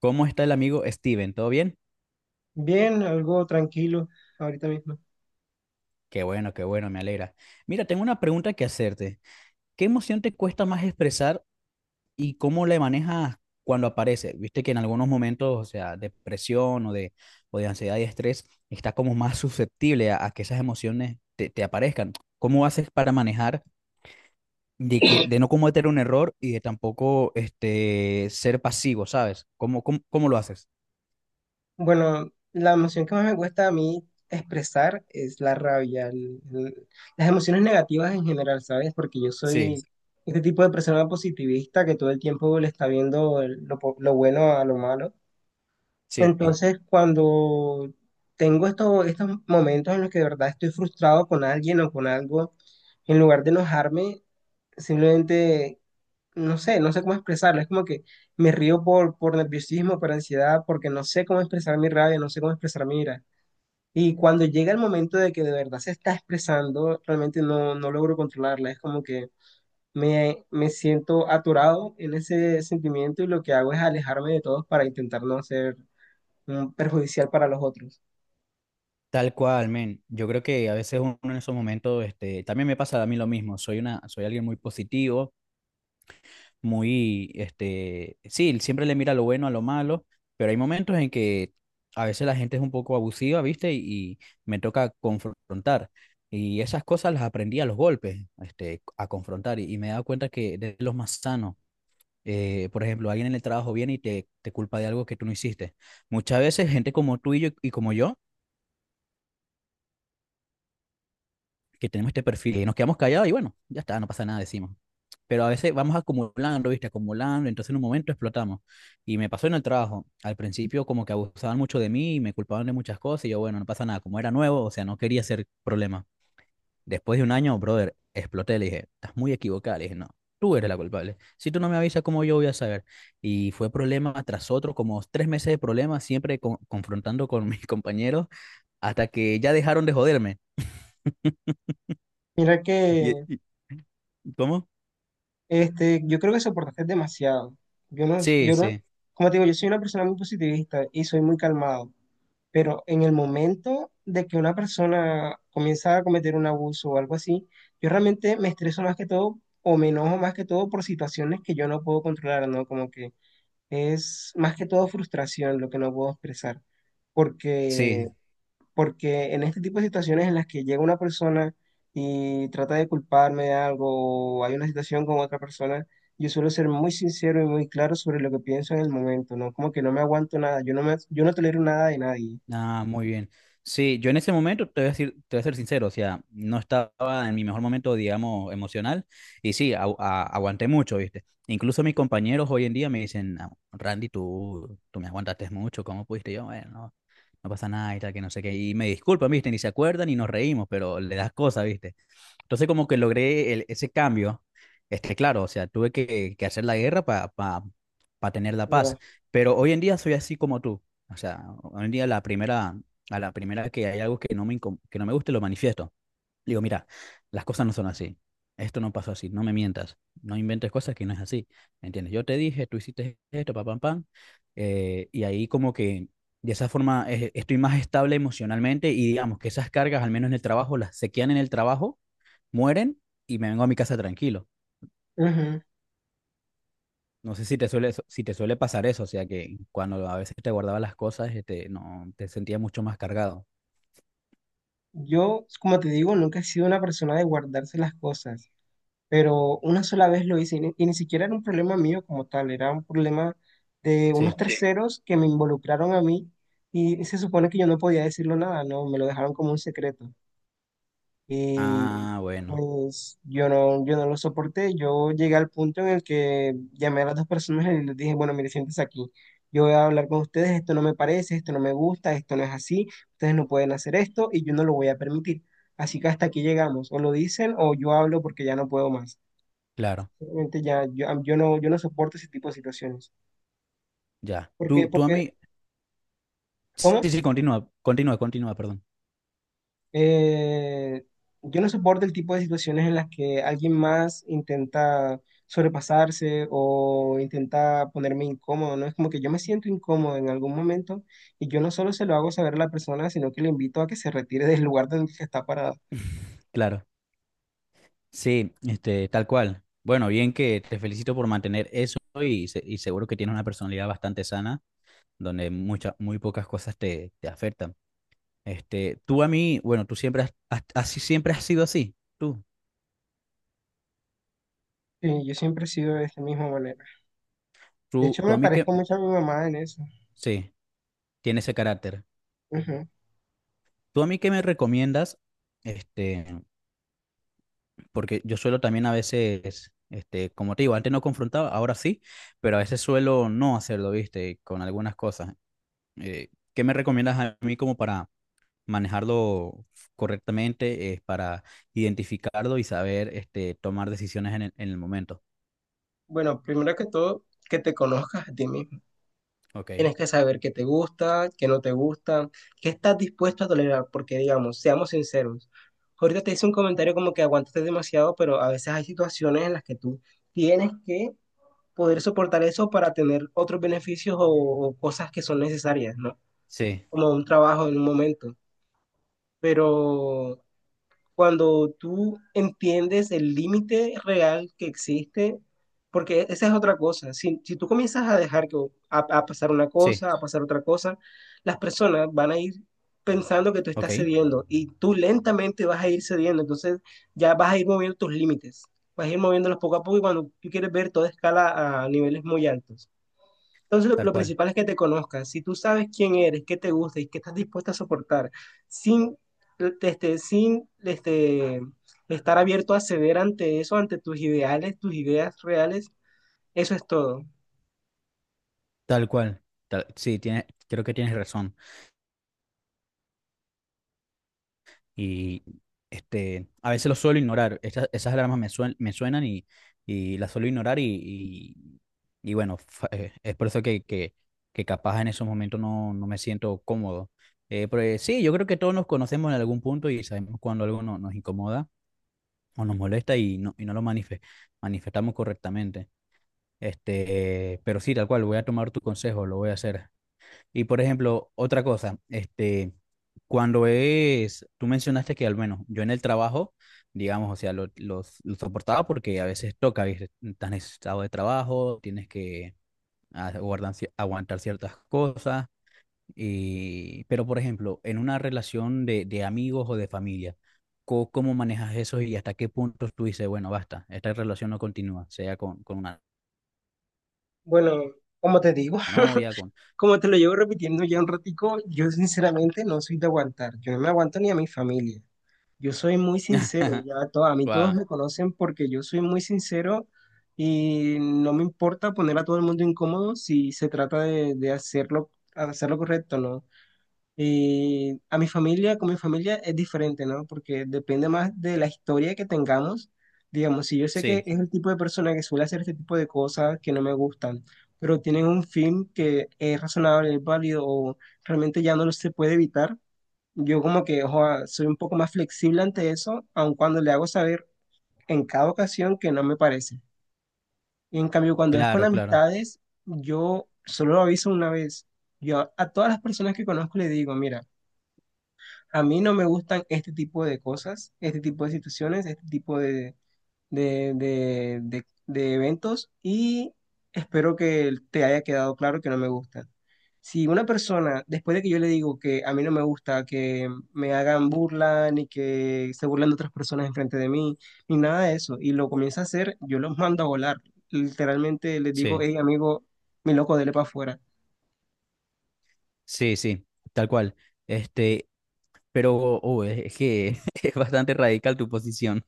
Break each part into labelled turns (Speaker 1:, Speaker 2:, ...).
Speaker 1: ¿Cómo está el amigo Steven? ¿Todo bien?
Speaker 2: Bien, algo tranquilo ahorita mismo.
Speaker 1: Qué bueno, me alegra. Mira, tengo una pregunta que hacerte. ¿Qué emoción te cuesta más expresar y cómo la manejas cuando aparece? Viste que en algunos momentos, o sea, depresión o de ansiedad y estrés, estás como más susceptible a que esas emociones te aparezcan. ¿Cómo haces para manejar de que de no cometer un error y de tampoco este ser pasivo, ¿sabes? ¿Cómo, cómo, cómo lo haces?
Speaker 2: Bueno, la emoción que más me cuesta a mí expresar es la rabia, las emociones negativas en general, ¿sabes? Porque yo soy
Speaker 1: Sí,
Speaker 2: este tipo de persona positivista que todo el tiempo le está viendo lo bueno a lo malo.
Speaker 1: sí.
Speaker 2: Entonces, cuando tengo estos momentos en los que de verdad estoy frustrado con alguien o con algo, en lugar de enojarme, simplemente no sé, no sé cómo expresarlo. Es como que me río por nerviosismo, por ansiedad, porque no sé cómo expresar mi rabia, no sé cómo expresar mi ira. Y cuando llega el momento de que de verdad se está expresando, realmente no, no logro controlarla. Es como que me siento atorado en ese sentimiento y lo que hago es alejarme de todos para intentar no ser perjudicial para los otros.
Speaker 1: Tal cual, men. Yo creo que a veces uno en esos momentos, este, también me pasa a mí lo mismo. Soy alguien muy positivo, muy, este, sí, siempre le mira lo bueno a lo malo, pero hay momentos en que a veces la gente es un poco abusiva, ¿viste? Y me toca confrontar. Y esas cosas las aprendí a los golpes, este, a confrontar. Y me he dado cuenta que de los más sanos, por ejemplo, alguien en el trabajo viene y te culpa de algo que tú no hiciste. Muchas veces gente como tú y yo, y como yo que tenemos este perfil y nos quedamos callados y bueno, ya está, no pasa nada, decimos. Pero a veces vamos acumulando, ¿viste? Acumulando, entonces en un momento explotamos. Y me pasó en el trabajo. Al principio como que abusaban mucho de mí y me culpaban de muchas cosas y yo, bueno, no pasa nada. Como era nuevo, o sea, no quería hacer problema. Después de un año, brother, exploté, le dije, estás muy equivocada, le dije, no. Tú eres la culpable. Si tú no me avisas, ¿cómo yo voy a saber? Y fue problema tras otro, como tres meses de problemas, siempre confrontando con mis compañeros, hasta que ya dejaron de joderme.
Speaker 2: Mira
Speaker 1: Y,
Speaker 2: que
Speaker 1: y- ¿Cómo?
Speaker 2: este, yo creo que soportaste demasiado. Yo no,
Speaker 1: Sí,
Speaker 2: yo no,
Speaker 1: sí,
Speaker 2: como te digo, yo soy una persona muy positivista y soy muy calmado, pero en el momento de que una persona comienza a cometer un abuso o algo así, yo realmente me estreso más que todo o me enojo más que todo por situaciones que yo no puedo controlar, ¿no? Como que es más que todo frustración lo que no puedo expresar,
Speaker 1: sí.
Speaker 2: porque porque en este tipo de situaciones en las que llega una persona y trata de culparme de algo, o hay una situación con otra persona, yo suelo ser muy sincero y muy claro sobre lo que pienso en el momento, ¿no? Como que no me aguanto nada, yo no tolero nada de nadie,
Speaker 1: Ah, muy bien. Sí, yo en ese momento te voy a decir, te voy a ser sincero, o sea, no estaba en mi mejor momento, digamos, emocional, y sí, aguanté mucho, ¿viste? Incluso mis compañeros hoy en día me dicen, "Ah, Randy, tú me aguantaste mucho, ¿cómo pudiste? Y yo, bueno, no, no pasa nada y tal, que no sé qué, y me disculpan, ¿viste? Ni se acuerdan y nos reímos, pero le das cosas, ¿viste? Entonces como que logré ese cambio, este, claro, o sea, tuve que hacer la guerra para tener la paz,
Speaker 2: ¿verdad?
Speaker 1: pero hoy en día soy así como tú, o sea, hoy en día la primera, a la primera que hay algo que no me, que no me guste, lo manifiesto. Digo, mira, las cosas no son así, esto no pasó así, no me mientas, no inventes cosas que no es así, ¿me entiendes? Yo te dije, tú hiciste esto, pa, pam, pam, y ahí como que... De esa forma estoy más estable emocionalmente y digamos que esas cargas, al menos en el trabajo, las se quedan en el trabajo mueren y me vengo a mi casa tranquilo.
Speaker 2: Ujú.
Speaker 1: No sé si te suele, si te suele pasar eso, o sea que cuando a veces te guardaba las cosas, este, no, te sentías mucho más cargado.
Speaker 2: Yo, como te digo, nunca he sido una persona de guardarse las cosas. Pero una sola vez lo hice y ni siquiera era un problema mío como tal, era un problema de unos Sí.
Speaker 1: Sí.
Speaker 2: terceros que me involucraron a mí y se supone que yo no podía decirlo nada, no, me lo dejaron como un secreto. Y
Speaker 1: Ah, bueno,
Speaker 2: pues yo no lo soporté, yo llegué al punto en el que llamé a las dos personas y les dije, bueno, mire, siéntese aquí. Yo voy a hablar con ustedes, esto no me parece, esto no me gusta, esto no es así, ustedes no pueden hacer esto y yo no lo voy a permitir. Así que hasta aquí llegamos, o lo dicen o yo hablo porque ya no puedo más.
Speaker 1: claro,
Speaker 2: Realmente ya, yo no soporto ese tipo de situaciones.
Speaker 1: ya.
Speaker 2: Porque, porque,
Speaker 1: Sí,
Speaker 2: ¿Cómo?
Speaker 1: sí, sí, continúa, continúa, continúa, perdón.
Speaker 2: Eh, yo no soporto el tipo de situaciones en las que alguien más intenta sobrepasarse o intenta ponerme incómodo, ¿no? Es como que yo me siento incómodo en algún momento y yo no solo se lo hago saber a la persona, sino que le invito a que se retire del lugar donde se está parado.
Speaker 1: Claro, sí, este, tal cual. Bueno, bien que te felicito por mantener eso y, y seguro que tienes una personalidad bastante sana, donde muchas, muy pocas cosas te afectan. Este, tú a mí, bueno, tú siempre así siempre has sido así, tú.
Speaker 2: Sí, yo siempre he sido de esta misma manera. De hecho,
Speaker 1: Tú a
Speaker 2: me
Speaker 1: mí que,
Speaker 2: parezco mucho a mi mamá en eso.
Speaker 1: sí, tiene ese carácter.
Speaker 2: Ujú.
Speaker 1: Tú a mí que me recomiendas, este, porque yo suelo también a veces, este, como te digo, antes no confrontaba, ahora sí, pero a veces suelo no hacerlo, viste, con algunas cosas. ¿Qué me recomiendas a mí como para manejarlo correctamente, para identificarlo y saber, este, tomar decisiones en el momento?
Speaker 2: Bueno, primero que todo, que te conozcas a ti mismo.
Speaker 1: Ok.
Speaker 2: Tienes que saber qué te gusta, qué no te gusta, qué estás dispuesto a tolerar, porque digamos, seamos sinceros. Ahorita te hice un comentario como que aguantaste demasiado, pero a veces hay situaciones en las que tú tienes que poder soportar eso para tener otros beneficios o cosas que son necesarias, ¿no?
Speaker 1: Sí,
Speaker 2: Como un trabajo en un momento. Pero cuando tú entiendes el límite real que existe, porque esa es otra cosa. Si tú comienzas a dejar que a pasar una
Speaker 1: sí,
Speaker 2: cosa, a pasar otra cosa, las personas van a ir pensando que tú
Speaker 1: ok,
Speaker 2: estás cediendo y tú lentamente vas a ir cediendo. Entonces ya vas a ir moviendo tus límites, vas a ir moviéndolos poco a poco y cuando tú quieres ver toda escala a niveles muy altos. Entonces,
Speaker 1: tal
Speaker 2: lo
Speaker 1: cual,
Speaker 2: principal es que te conozcas. Si tú sabes quién eres, qué te gusta y qué estás dispuesta a soportar, sin, este, sin este, estar abierto a ceder ante eso, ante tus ideales, tus ideas reales, eso es todo.
Speaker 1: tal cual. Tal- sí, tiene, creo que tienes razón. Y este, a veces lo suelo ignorar. Esas alarmas me, me suenan y las suelo ignorar y bueno, es por eso que capaz en esos momentos no, no me siento cómodo. Pero sí, yo creo que todos nos conocemos en algún punto y sabemos cuando algo nos incomoda o nos molesta y no lo manifestamos correctamente. Este, pero sí, tal cual, voy a tomar tu consejo, lo voy a hacer. Y por ejemplo, otra cosa, este, cuando es, tú mencionaste que al menos yo en el trabajo, digamos, o sea, lo, lo soportaba porque a veces toca, ¿viste? Estás necesitado de trabajo, tienes que aguantar ciertas cosas, y, pero por ejemplo, en una relación de amigos o de familia, ¿cómo manejas eso y hasta qué punto tú dices, bueno, basta, esta relación no continúa, sea con una
Speaker 2: Bueno, como te digo,
Speaker 1: novia, con...
Speaker 2: como te lo llevo repitiendo ya un ratico, yo sinceramente no soy de aguantar. Yo no me aguanto ni a mi familia. Yo soy muy sincero, a mí todos
Speaker 1: Ah,
Speaker 2: me conocen porque yo soy muy sincero y no me importa poner a todo el mundo incómodo si se trata de hacerlo, hacerlo correcto, ¿no? Y a mi familia, con mi familia es diferente, ¿no? Porque depende más de la historia que tengamos. Digamos, si yo sé que
Speaker 1: sí,
Speaker 2: es el tipo de persona que suele hacer este tipo de cosas que no me gustan, pero tienen un fin que es razonable, es válido o realmente ya no lo se puede evitar, yo como que ojo, soy un poco más flexible ante eso, aun cuando le hago saber en cada ocasión que no me parece. Y en cambio, cuando es con
Speaker 1: claro, claro,
Speaker 2: amistades, yo solo lo aviso una vez. Yo a todas las personas que conozco le digo, mira, a mí no me gustan este tipo de cosas, este tipo de situaciones, este tipo de eventos y espero que te haya quedado claro que no me gusta. Si una persona, después de que yo le digo que a mí no me gusta que me hagan burla, ni que se burlen de otras personas enfrente de mí, ni nada de eso, y lo comienza a hacer, yo los mando a volar. Literalmente les digo,
Speaker 1: sí.
Speaker 2: hey amigo, mi loco, dele para afuera.
Speaker 1: Sí, sí, tal cual. Este, pero es que es bastante radical tu posición.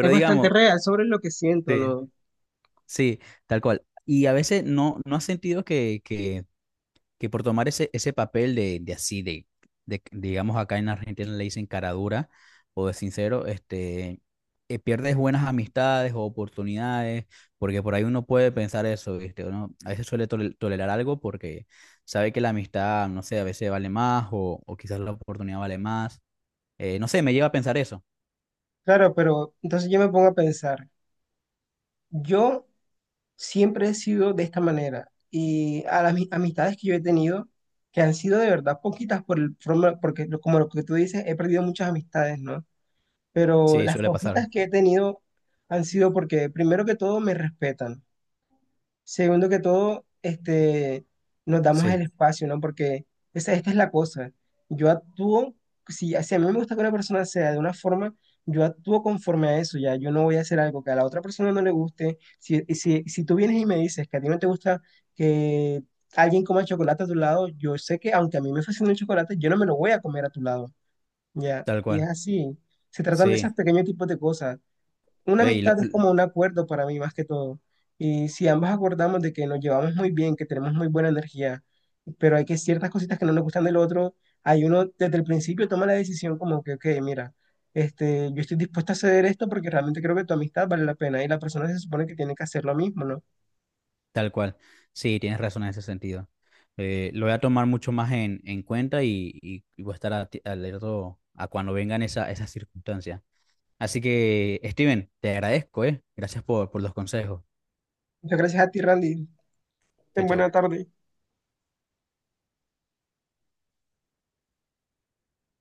Speaker 2: Es bastante
Speaker 1: digamos,
Speaker 2: real sobre lo que siento,
Speaker 1: sí,
Speaker 2: ¿no?
Speaker 1: sí, tal cual. Y a veces no, no has sentido que por tomar ese, ese papel de así, de, digamos acá en Argentina le dicen caradura o de sincero, este, pierdes buenas amistades o oportunidades, porque por ahí uno puede pensar eso, ¿viste? Uno a veces suele tolerar algo porque sabe que la amistad, no sé, a veces vale más o quizás la oportunidad vale más. No sé, me lleva a pensar eso.
Speaker 2: Claro, pero entonces yo me pongo a pensar, yo siempre he sido de esta manera y a las amistades que yo he tenido, que han sido de verdad poquitas porque como lo que tú dices, he perdido muchas amistades, ¿no? Pero
Speaker 1: Sí,
Speaker 2: las
Speaker 1: suele
Speaker 2: poquitas
Speaker 1: pasar.
Speaker 2: que he tenido han sido porque primero que todo me respetan. Segundo que todo, este, nos damos el
Speaker 1: Sí,
Speaker 2: espacio, ¿no? Porque esta es la cosa. Yo actúo, si a mí me gusta que una persona sea de una forma, yo actúo conforme a eso, ya. Yo no voy a hacer algo que a la otra persona no le guste. Si tú vienes y me dices que a ti no te gusta que alguien coma chocolate a tu lado, yo sé que aunque a mí me fascina el chocolate, yo no me lo voy a comer a tu lado, ya.
Speaker 1: tal
Speaker 2: Y es
Speaker 1: cual.
Speaker 2: así. Se tratan de
Speaker 1: Sí.
Speaker 2: esos pequeños tipos de cosas. Una
Speaker 1: Ey, lo-
Speaker 2: amistad es como un acuerdo para mí más que todo. Y si ambos acordamos de que nos llevamos muy bien, que tenemos muy buena energía, pero hay que ciertas cositas que no nos gustan del otro, hay uno desde el principio toma la decisión como que, ok, mira, este, yo estoy dispuesto a ceder esto porque realmente creo que tu amistad vale la pena y la persona se supone que tiene que hacer lo mismo, ¿no?
Speaker 1: Tal cual. Sí, tienes razón en ese sentido. Lo voy a tomar mucho más en cuenta y voy a estar alerto a cuando vengan esa, esas circunstancias. Así que, Steven, te agradezco, ¿eh? Gracias por los consejos.
Speaker 2: Muchas gracias a ti, Randy.
Speaker 1: Chao,
Speaker 2: Ten
Speaker 1: chao.
Speaker 2: buena tarde.